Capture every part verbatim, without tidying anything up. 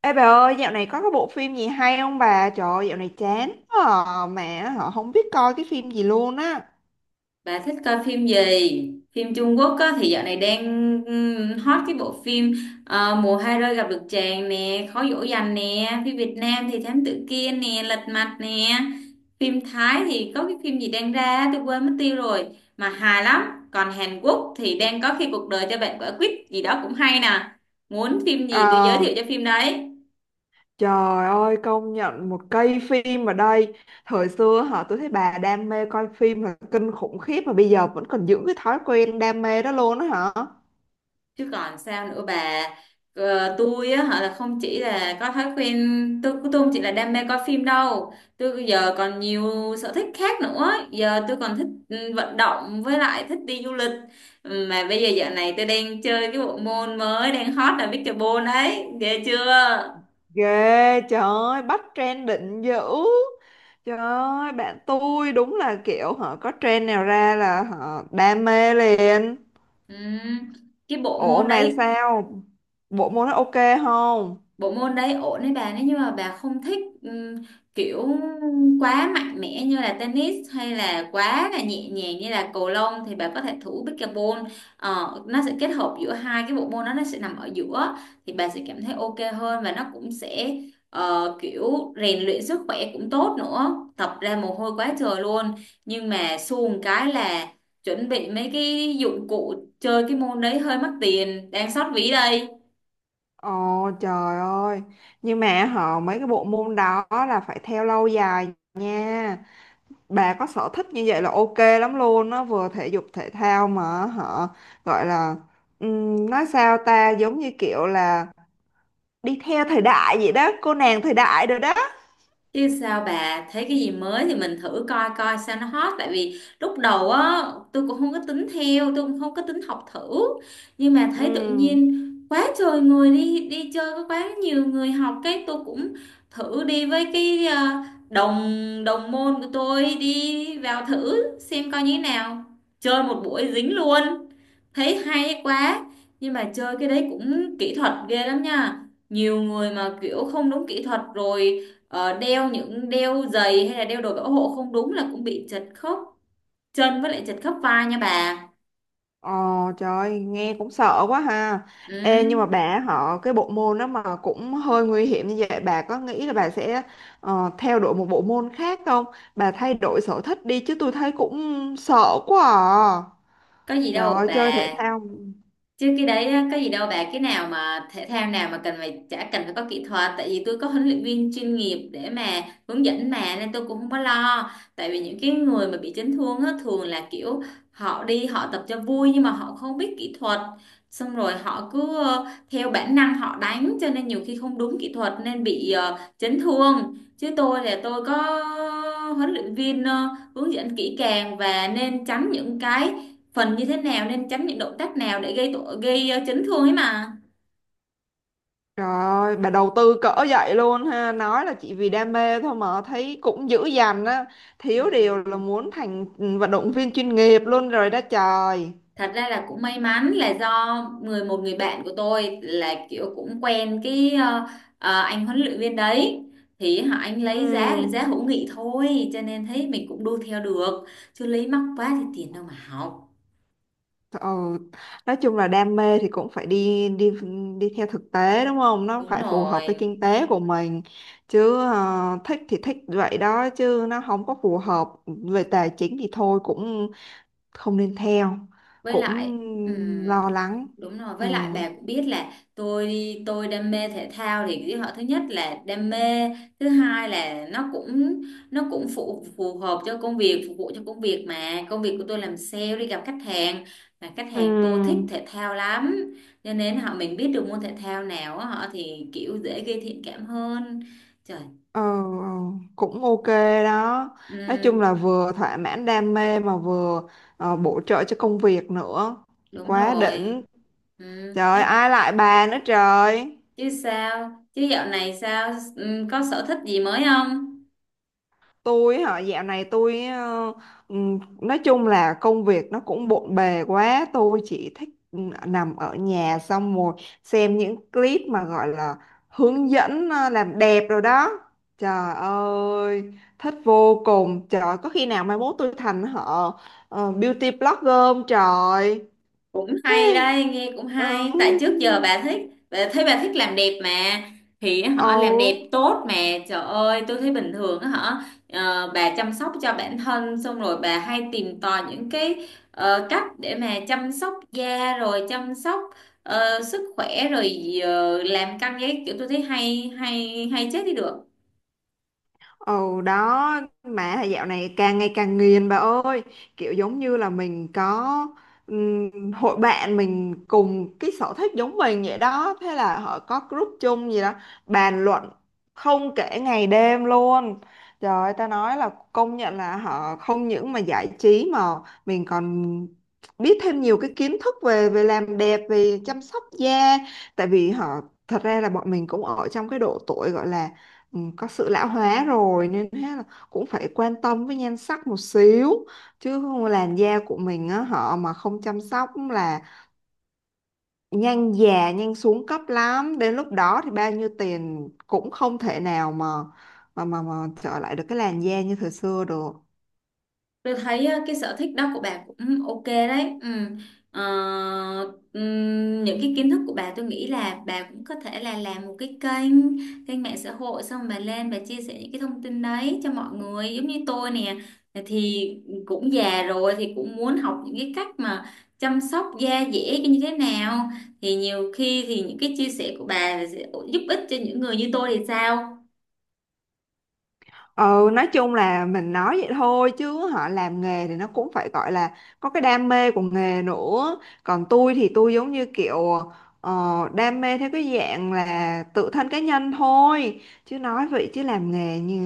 Ê bà ơi, dạo này có cái bộ phim gì hay không bà? Trời ơi, dạo này chán quá à, mẹ họ không biết coi cái phim gì luôn á. Bà thích coi phim gì? Phim Trung Quốc á, thì dạo này đang ừm, hot cái bộ phim, ờ, Mùa hai rơi gặp được chàng nè, Khó dỗ dành nè, phim Việt Nam thì Thám tử Kiên nè, Lật mặt nè. Phim Thái thì có cái phim gì đang ra tôi quên mất tiêu rồi mà hài lắm. Còn Hàn Quốc thì đang có khi cuộc đời cho bạn quả quýt gì đó cũng hay nè. Muốn phim gì tôi giới Ờ, thiệu cho phim đấy. trời ơi, công nhận một cây phim ở đây. Thời xưa họ tôi thấy bà đam mê coi phim là kinh khủng khiếp mà bây giờ vẫn còn giữ cái thói quen đam mê đó luôn á hả? Chứ còn sao nữa bà. Ờ, tôi á họ là không chỉ là có thói quen, tôi tôi không chỉ là đam mê coi phim đâu, tôi giờ còn nhiều sở thích khác nữa. Giờ tôi còn thích, ừ, vận động, với lại thích đi du lịch. Ừ, mà bây giờ dạo này tôi đang chơi cái bộ môn mới đang hot là pickleball đấy, ghê chưa? Ghê, trời ơi, bắt trend định dữ. Trời ơi, bạn tôi đúng là kiểu họ có trend nào ra là họ đam mê liền. Ừ. Cái bộ Ủa môn mà đấy, sao? Bộ môn nó ok không? bộ môn đấy ổn đấy bà. Nếu như mà bà không thích ừm, kiểu quá mạnh mẽ như là tennis, hay là quá là nhẹ nhàng như là cầu lông, thì bà có thể thử pickleball. Ờ, nó sẽ kết hợp giữa hai cái bộ môn đó, nó sẽ nằm ở giữa, thì bà sẽ cảm thấy ok hơn. Và nó cũng sẽ, ờ, kiểu rèn luyện sức khỏe cũng tốt nữa, tập ra mồ hôi quá trời luôn. Nhưng mà xuồng cái là chuẩn bị mấy cái dụng cụ chơi cái môn đấy hơi mắc tiền, đang xót ví đây. Ồ trời ơi. Nhưng mà họ mấy cái bộ môn đó là phải theo lâu dài nha. Bà có sở thích như vậy là ok lắm luôn. Nó vừa thể dục thể thao mà họ gọi là ừm, nói sao ta giống như kiểu là đi theo thời đại vậy đó, cô nàng thời đại rồi đó. Chứ sao bà, thấy cái gì mới thì mình thử coi coi sao nó hot. Tại vì lúc đầu á, tôi cũng không có tính theo, tôi cũng không có tính học thử. Nhưng mà thấy tự Ừ. nhiên quá trời người đi đi chơi, có quá nhiều người học, cái tôi cũng thử đi với cái, ờ, đồng đồng môn của tôi, đi vào thử xem coi như thế nào. Chơi một buổi dính luôn, thấy hay quá. Nhưng mà chơi cái đấy cũng kỹ thuật ghê lắm nha, nhiều người mà kiểu không đúng kỹ thuật rồi. Ờ, đeo những đeo giày hay là đeo đồ bảo hộ không đúng là cũng bị chật khớp chân, với lại chật khớp vai nha bà. Ờ, trời nghe cũng sợ quá ha. Ừ, Ê nhưng mà bà họ cái bộ môn đó mà cũng hơi nguy hiểm như vậy bà có nghĩ là bà sẽ ờ, theo đuổi một bộ môn khác không? Bà thay đổi sở thích đi chứ tôi thấy cũng sợ quá à. có gì Trời đâu ơi chơi thể bà. thao. Chứ cái đấy á, có gì đâu bà. Cái nào mà thể thao nào mà cần phải chả cần phải có kỹ thuật, tại vì tôi có huấn luyện viên chuyên nghiệp để mà hướng dẫn mà, nên tôi cũng không có lo. Tại vì những cái người mà bị chấn thương á, thường là kiểu họ đi họ tập cho vui nhưng mà họ không biết kỹ thuật, xong rồi họ cứ, ờ, theo bản năng họ đánh, cho nên nhiều khi không đúng kỹ thuật nên bị, ờ, chấn thương. Chứ tôi là tôi có huấn luyện viên, ờ, hướng dẫn kỹ càng và nên tránh những cái phần như thế nào, nên tránh những động tác nào để gây tội gây, ờ, chấn thương ấy mà. Trời ơi bà đầu tư cỡ vậy luôn ha, nói là chỉ vì đam mê thôi mà thấy cũng dữ dằn á, thiếu điều là Ừm, muốn thành vận động viên chuyên nghiệp luôn rồi đó trời. Thật ra là cũng may mắn là do người một người bạn của tôi là kiểu cũng quen cái, ờ, ờ, anh huấn luyện viên đấy, thì họ anh lấy giá Ừ. giá hữu nghị thôi, cho nên thấy mình cũng đu theo được. Chứ lấy mắc quá thì tiền đâu mà học. Ờ, nói chung là đam mê thì cũng phải đi đi đi theo thực tế đúng không? Nó đúng phải phù hợp với rồi kinh tế của mình chứ ờ, thích thì thích vậy đó chứ nó không có phù hợp về tài chính thì thôi cũng không nên theo với cũng lại lo ừm, lắng. Đúng rồi Ừ. với lại bà cũng biết là tôi tôi đam mê thể thao. Thì cái họ thứ nhất là đam mê, thứ hai là nó cũng nó cũng phù phù hợp cho công việc, phục vụ cho công việc. Mà công việc của tôi làm sale, đi gặp khách hàng, mà khách hàng tôi thích Ừm, thể thao lắm, cho nên họ mình biết được môn thể thao nào á, họ thì kiểu dễ gây thiện cảm hơn. Trời, Ờ, ờ, Cũng ok đó. Nói chung ừm, là vừa thỏa mãn đam mê mà vừa ờ, bổ trợ cho công việc nữa. đúng Quá rồi. đỉnh. Ừm, Trời Có ai lại bà nữa trời. chứ, sao chứ dạo này sao, ừ, có sở thích gì mới không? Tôi hả, dạo này tôi ờ, ừm, nói chung là công việc nó cũng bộn bề quá, tôi chỉ thích ừm, nằm ở nhà xong rồi xem những clip mà gọi là hướng dẫn ờ, làm đẹp rồi đó. Trời ơi, thích vô cùng. Trời, có khi nào mai mốt tôi thành họ ờ, beauty blogger không trời. Cũng hay Hey, đây, nghe cũng hay. Tại ừm. trước giờ bà thích bà thấy bà thích làm đẹp mà. Thì họ làm đẹp Ồ. tốt mà. Trời ơi tôi thấy bình thường á hả. Ờ, bà chăm sóc cho bản thân, xong rồi bà hay tìm tòi những cái, ờ, cách để mà chăm sóc da, rồi chăm sóc, ờ, sức khỏe, rồi ờ, làm căng giấy kiểu, tôi thấy hay hay hay chết đi được. Ồ đó mà thời dạo này càng ngày càng nghiền bà ơi kiểu giống như là mình có ừm, hội bạn mình cùng cái sở thích giống mình vậy đó thế là họ có group chung gì đó bàn luận không kể ngày đêm luôn trời ơi, ta nói là công nhận là họ không những mà giải trí mà mình còn biết thêm nhiều cái kiến thức về về làm đẹp về chăm sóc da tại vì họ thật ra là bọn mình cũng ở trong cái độ tuổi gọi là ừ, có sự lão hóa rồi nên thế là cũng phải quan tâm với nhan sắc một xíu chứ không làn da của mình á họ mà không chăm sóc là nhanh già nhanh xuống cấp lắm đến lúc đó thì bao nhiêu tiền cũng không thể nào mà mà mà, mà trở lại được cái làn da như thời xưa được. Tôi thấy ờ, cái sở thích đó của bà cũng ok đấy. Ừ. Ờ, ừm, những cái kiến thức của bà tôi nghĩ là bà cũng có thể là làm một cái kênh kênh mạng xã hội, xong bà lên bà chia sẻ những cái thông tin đấy cho mọi người. Giống như tôi nè, thì cũng già rồi thì cũng muốn học những cái cách mà chăm sóc da dẻ như thế nào. Thì nhiều khi thì những cái chia sẻ của bà sẽ giúp ích cho những người như tôi thì sao? Ừ, nói chung là mình nói vậy thôi chứ họ làm nghề thì nó cũng phải gọi là có cái đam mê của nghề nữa. Còn tôi thì tôi giống như kiểu ờ, đam mê theo cái dạng là tự thân cá nhân thôi. Chứ nói vậy chứ làm nghề như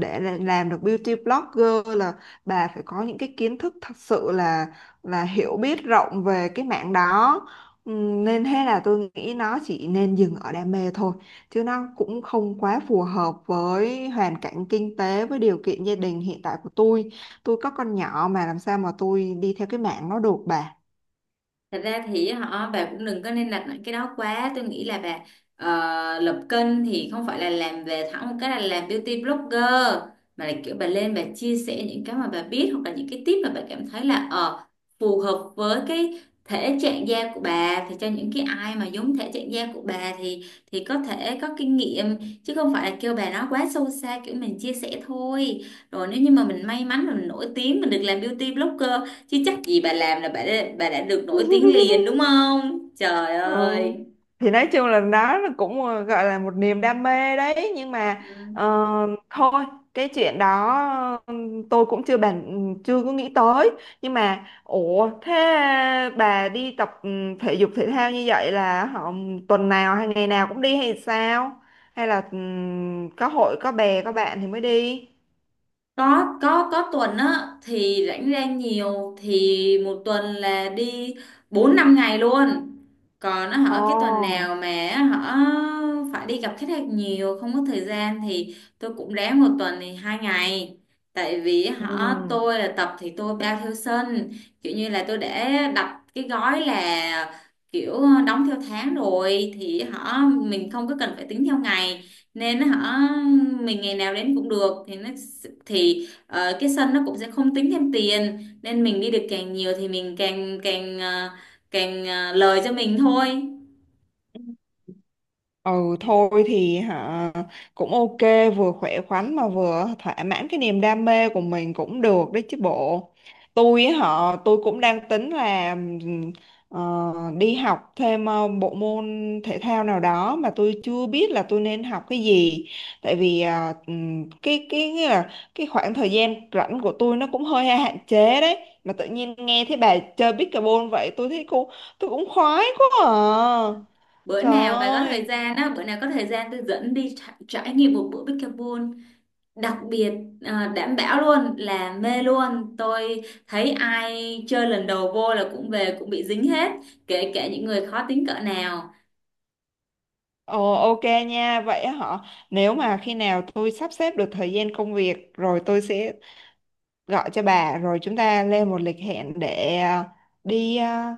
để là- làm được beauty blogger là bà phải có những cái kiến thức thật sự là là hiểu biết rộng về cái mảng đó. Ừ, nên thế là tôi nghĩ nó chỉ nên dừng ở đam mê thôi chứ nó cũng không quá phù hợp với hoàn cảnh kinh tế với điều kiện gia đình hiện tại của tôi tôi có con nhỏ mà làm sao mà tôi đi theo cái mạng nó được bà. Thật ra thì họ bà cũng đừng có nên đặt nặng cái đó quá. Tôi nghĩ là bà, ờ, lập kênh thì không phải là làm về thẳng một cái là làm beauty blogger, mà là kiểu bà lên bà chia sẻ những cái mà bà biết, hoặc là những cái tip mà bà cảm thấy là, ờ, phù hợp với cái thể trạng da của bà, thì cho những cái ai mà giống thể trạng da của bà, thì thì có thể có kinh nghiệm. Chứ không phải là kêu bà nói quá sâu xa, kiểu mình chia sẻ thôi, rồi nếu như mà mình may mắn mà mình nổi tiếng mình được làm beauty blogger. Chứ chắc gì bà làm là bà đã, bà đã được nổi tiếng liền, đúng không trời Ừ. ơi. Thì nói chung là nó là cũng ờ, gọi là một niềm đam mê đấy nhưng mà Ừ. ờ, thôi cái chuyện đó ừ, tôi cũng chưa bàn chưa có nghĩ tới nhưng mà ủa thế bà đi tập ừ, thể dục thể thao như vậy là họ tuần nào hay ngày nào cũng đi hay sao hay là ừ, có hội có bè có bạn thì mới đi. có có có tuần á thì rảnh rang nhiều, thì một tuần là đi bốn năm ngày luôn. Còn nó Ồ. hở cái tuần nào mà á phải đi gặp khách hàng nhiều không có thời gian, thì tôi cũng ráng một tuần thì hai ngày. Tại vì Ừ. họ tôi là tập thì tôi bao theo sân, kiểu như là tôi để đặt cái gói là kiểu đóng theo tháng rồi, thì họ mình không có cần phải tính theo ngày nên hả, mình ngày nào đến cũng được thì nó, thì, ờ, cái sân nó cũng sẽ không tính thêm tiền. Nên mình đi được càng nhiều thì mình càng càng ờ, càng ờ, lời cho mình thôi. Ừ thôi thì hả cũng ok vừa khỏe khoắn mà vừa thỏa mãn cái niềm đam mê của mình cũng được đấy chứ bộ tôi họ tôi cũng đang tính là ừm, ờ, đi học thêm ờ, bộ môn thể thao nào đó mà tôi chưa biết là tôi nên học cái gì tại vì ờ, ừm, cái cái nghĩa là cái khoảng thời gian rảnh của tôi nó cũng hơi hạn chế đấy mà tự nhiên nghe thấy bà chơi pickleball vậy tôi thấy cô tôi cũng khoái quá à Bữa trời nào bà có thời ơi. gian á, bữa nào có thời gian tôi dẫn đi trải, trải nghiệm một bữa pickleball đặc biệt. Ờ, đảm bảo luôn là mê luôn. Tôi thấy ai chơi lần đầu vô là cũng về cũng bị dính hết, kể cả những người khó tính cỡ nào. Ồ ok nha, vậy họ nếu mà khi nào tôi sắp xếp được thời gian công việc rồi tôi sẽ gọi cho bà rồi chúng ta lên một lịch hẹn để à, đi à,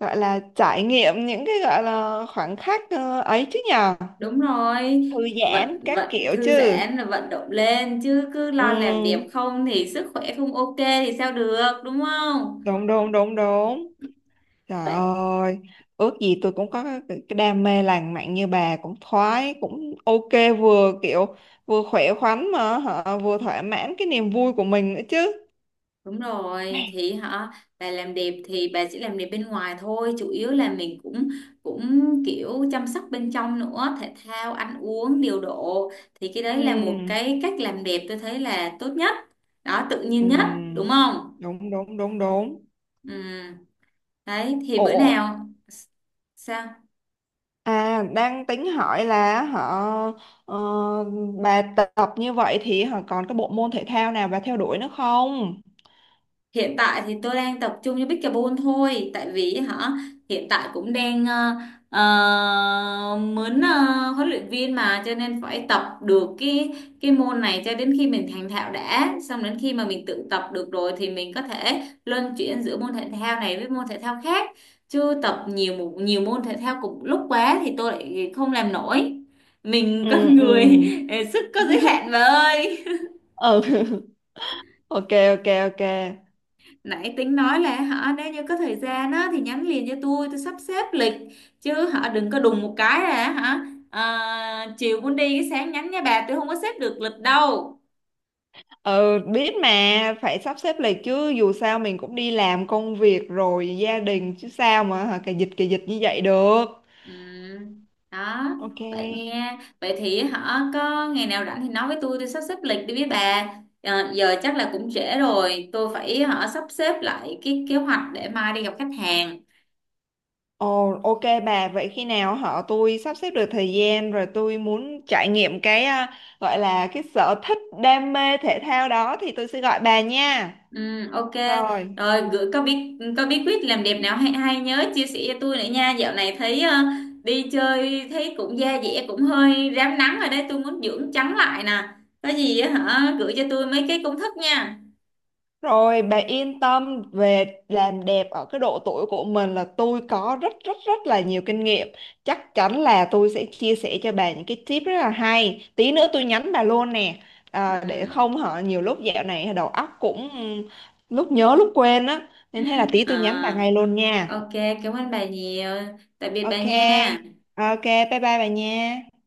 gọi là trải nghiệm những cái gọi là khoảnh khắc ờ, ấy chứ nhờ Đúng rồi, thư giãn vận các vận kiểu thư chứ. giãn là vận động lên. Chứ cứ lo làm đẹp Ừ. không thì sức khỏe không ok thì sao được, đúng không? Đúng đúng đúng đúng. Trời Vậy ơi, ước gì tôi cũng có cái cái đam mê lãng mạn như bà cũng thoái cũng ok vừa kiểu vừa khỏe khoắn mà hả, vừa thỏa mãn cái niềm vui của mình nữa chứ. đúng rồi Ai, thì hả, bà làm đẹp thì bà chỉ làm đẹp bên ngoài thôi. Chủ yếu là mình cũng cũng kiểu chăm sóc bên trong nữa, thể thao ăn uống điều độ, thì cái đấy là một ừ, cái cách làm đẹp tôi thấy là tốt nhất, đó tự nhiên nhất, đúng ừ, không? đúng đúng đúng đúng. Ừ. Đấy thì bữa Ồ, nào sao? à đang tính hỏi là họ ờ, bà tập như vậy thì họ còn cái bộ môn thể thao nào bà theo đuổi nữa không? Hiện tại thì tôi đang tập trung cho pickleball thôi. Tại vì hả hiện tại cũng đang, ờ, ờ, muốn, ờ, huấn luyện viên mà, cho nên phải tập được cái cái môn này cho đến khi mình thành thạo đã. Xong đến khi mà mình tự tập được rồi thì mình có thể luân chuyển giữa môn thể thao này với môn thể thao khác. Chứ tập nhiều môn- nhiều môn thể thao cùng lúc quá thì tôi lại không làm nổi. Mình Ừ con ừ. người sức có giới hạn mà ơi. Ừ ok ok ok. Nãy tính nói là hả, nếu như có thời gian á thì nhắn liền cho tôi tôi sắp xếp lịch. Chứ hả đừng có đùng một cái là hả, à, chiều muốn đi cái sáng nhắn nha bà, tôi không có xếp được lịch đâu. Ừ biết mà phải sắp xếp lịch chứ dù sao mình cũng đi làm công việc rồi gia đình chứ sao mà hả, cà dịch cà dịch như vậy được. Ừ. Đó Ok. vậy nha. Vậy thì hả có ngày nào rảnh thì nói với tôi tôi sắp xếp lịch đi với bà. Ờ, giờ chắc là cũng trễ rồi, tôi phải hả sắp xếp lại cái kế hoạch để mai đi gặp khách hàng. Ồ ok bà vậy khi nào họ tôi sắp xếp được thời gian rồi tôi muốn trải nghiệm cái à, gọi là cái sở thích đam mê thể thao đó thì tôi sẽ gọi bà nha. Ừ, ok. Rồi. Rồi gửi có bí có bí quyết làm đẹp nào hay hay nhớ chia sẻ cho tôi nữa nha. Dạo này thấy, ờ, đi chơi thấy cũng da dẻ cũng hơi rám nắng rồi đấy, tôi muốn dưỡng trắng lại nè. Có gì á hả gửi cho tôi mấy cái công thức nha. Rồi bà yên tâm về làm đẹp ở cái độ tuổi của mình là tôi có rất rất rất là nhiều kinh nghiệm. Chắc chắn là tôi sẽ chia sẻ cho bà những cái tip rất là hay. Tí nữa tôi nhắn bà luôn nè. À, để Ừ. không hả nhiều lúc dạo này đầu óc cũng lúc nhớ lúc quên á. Nên hay là tí tôi nhắn bà à, ngay luôn nha. ok, cảm ơn bà nhiều. Tạm biệt bà Ok. nha. Ok, bye bye bà nha.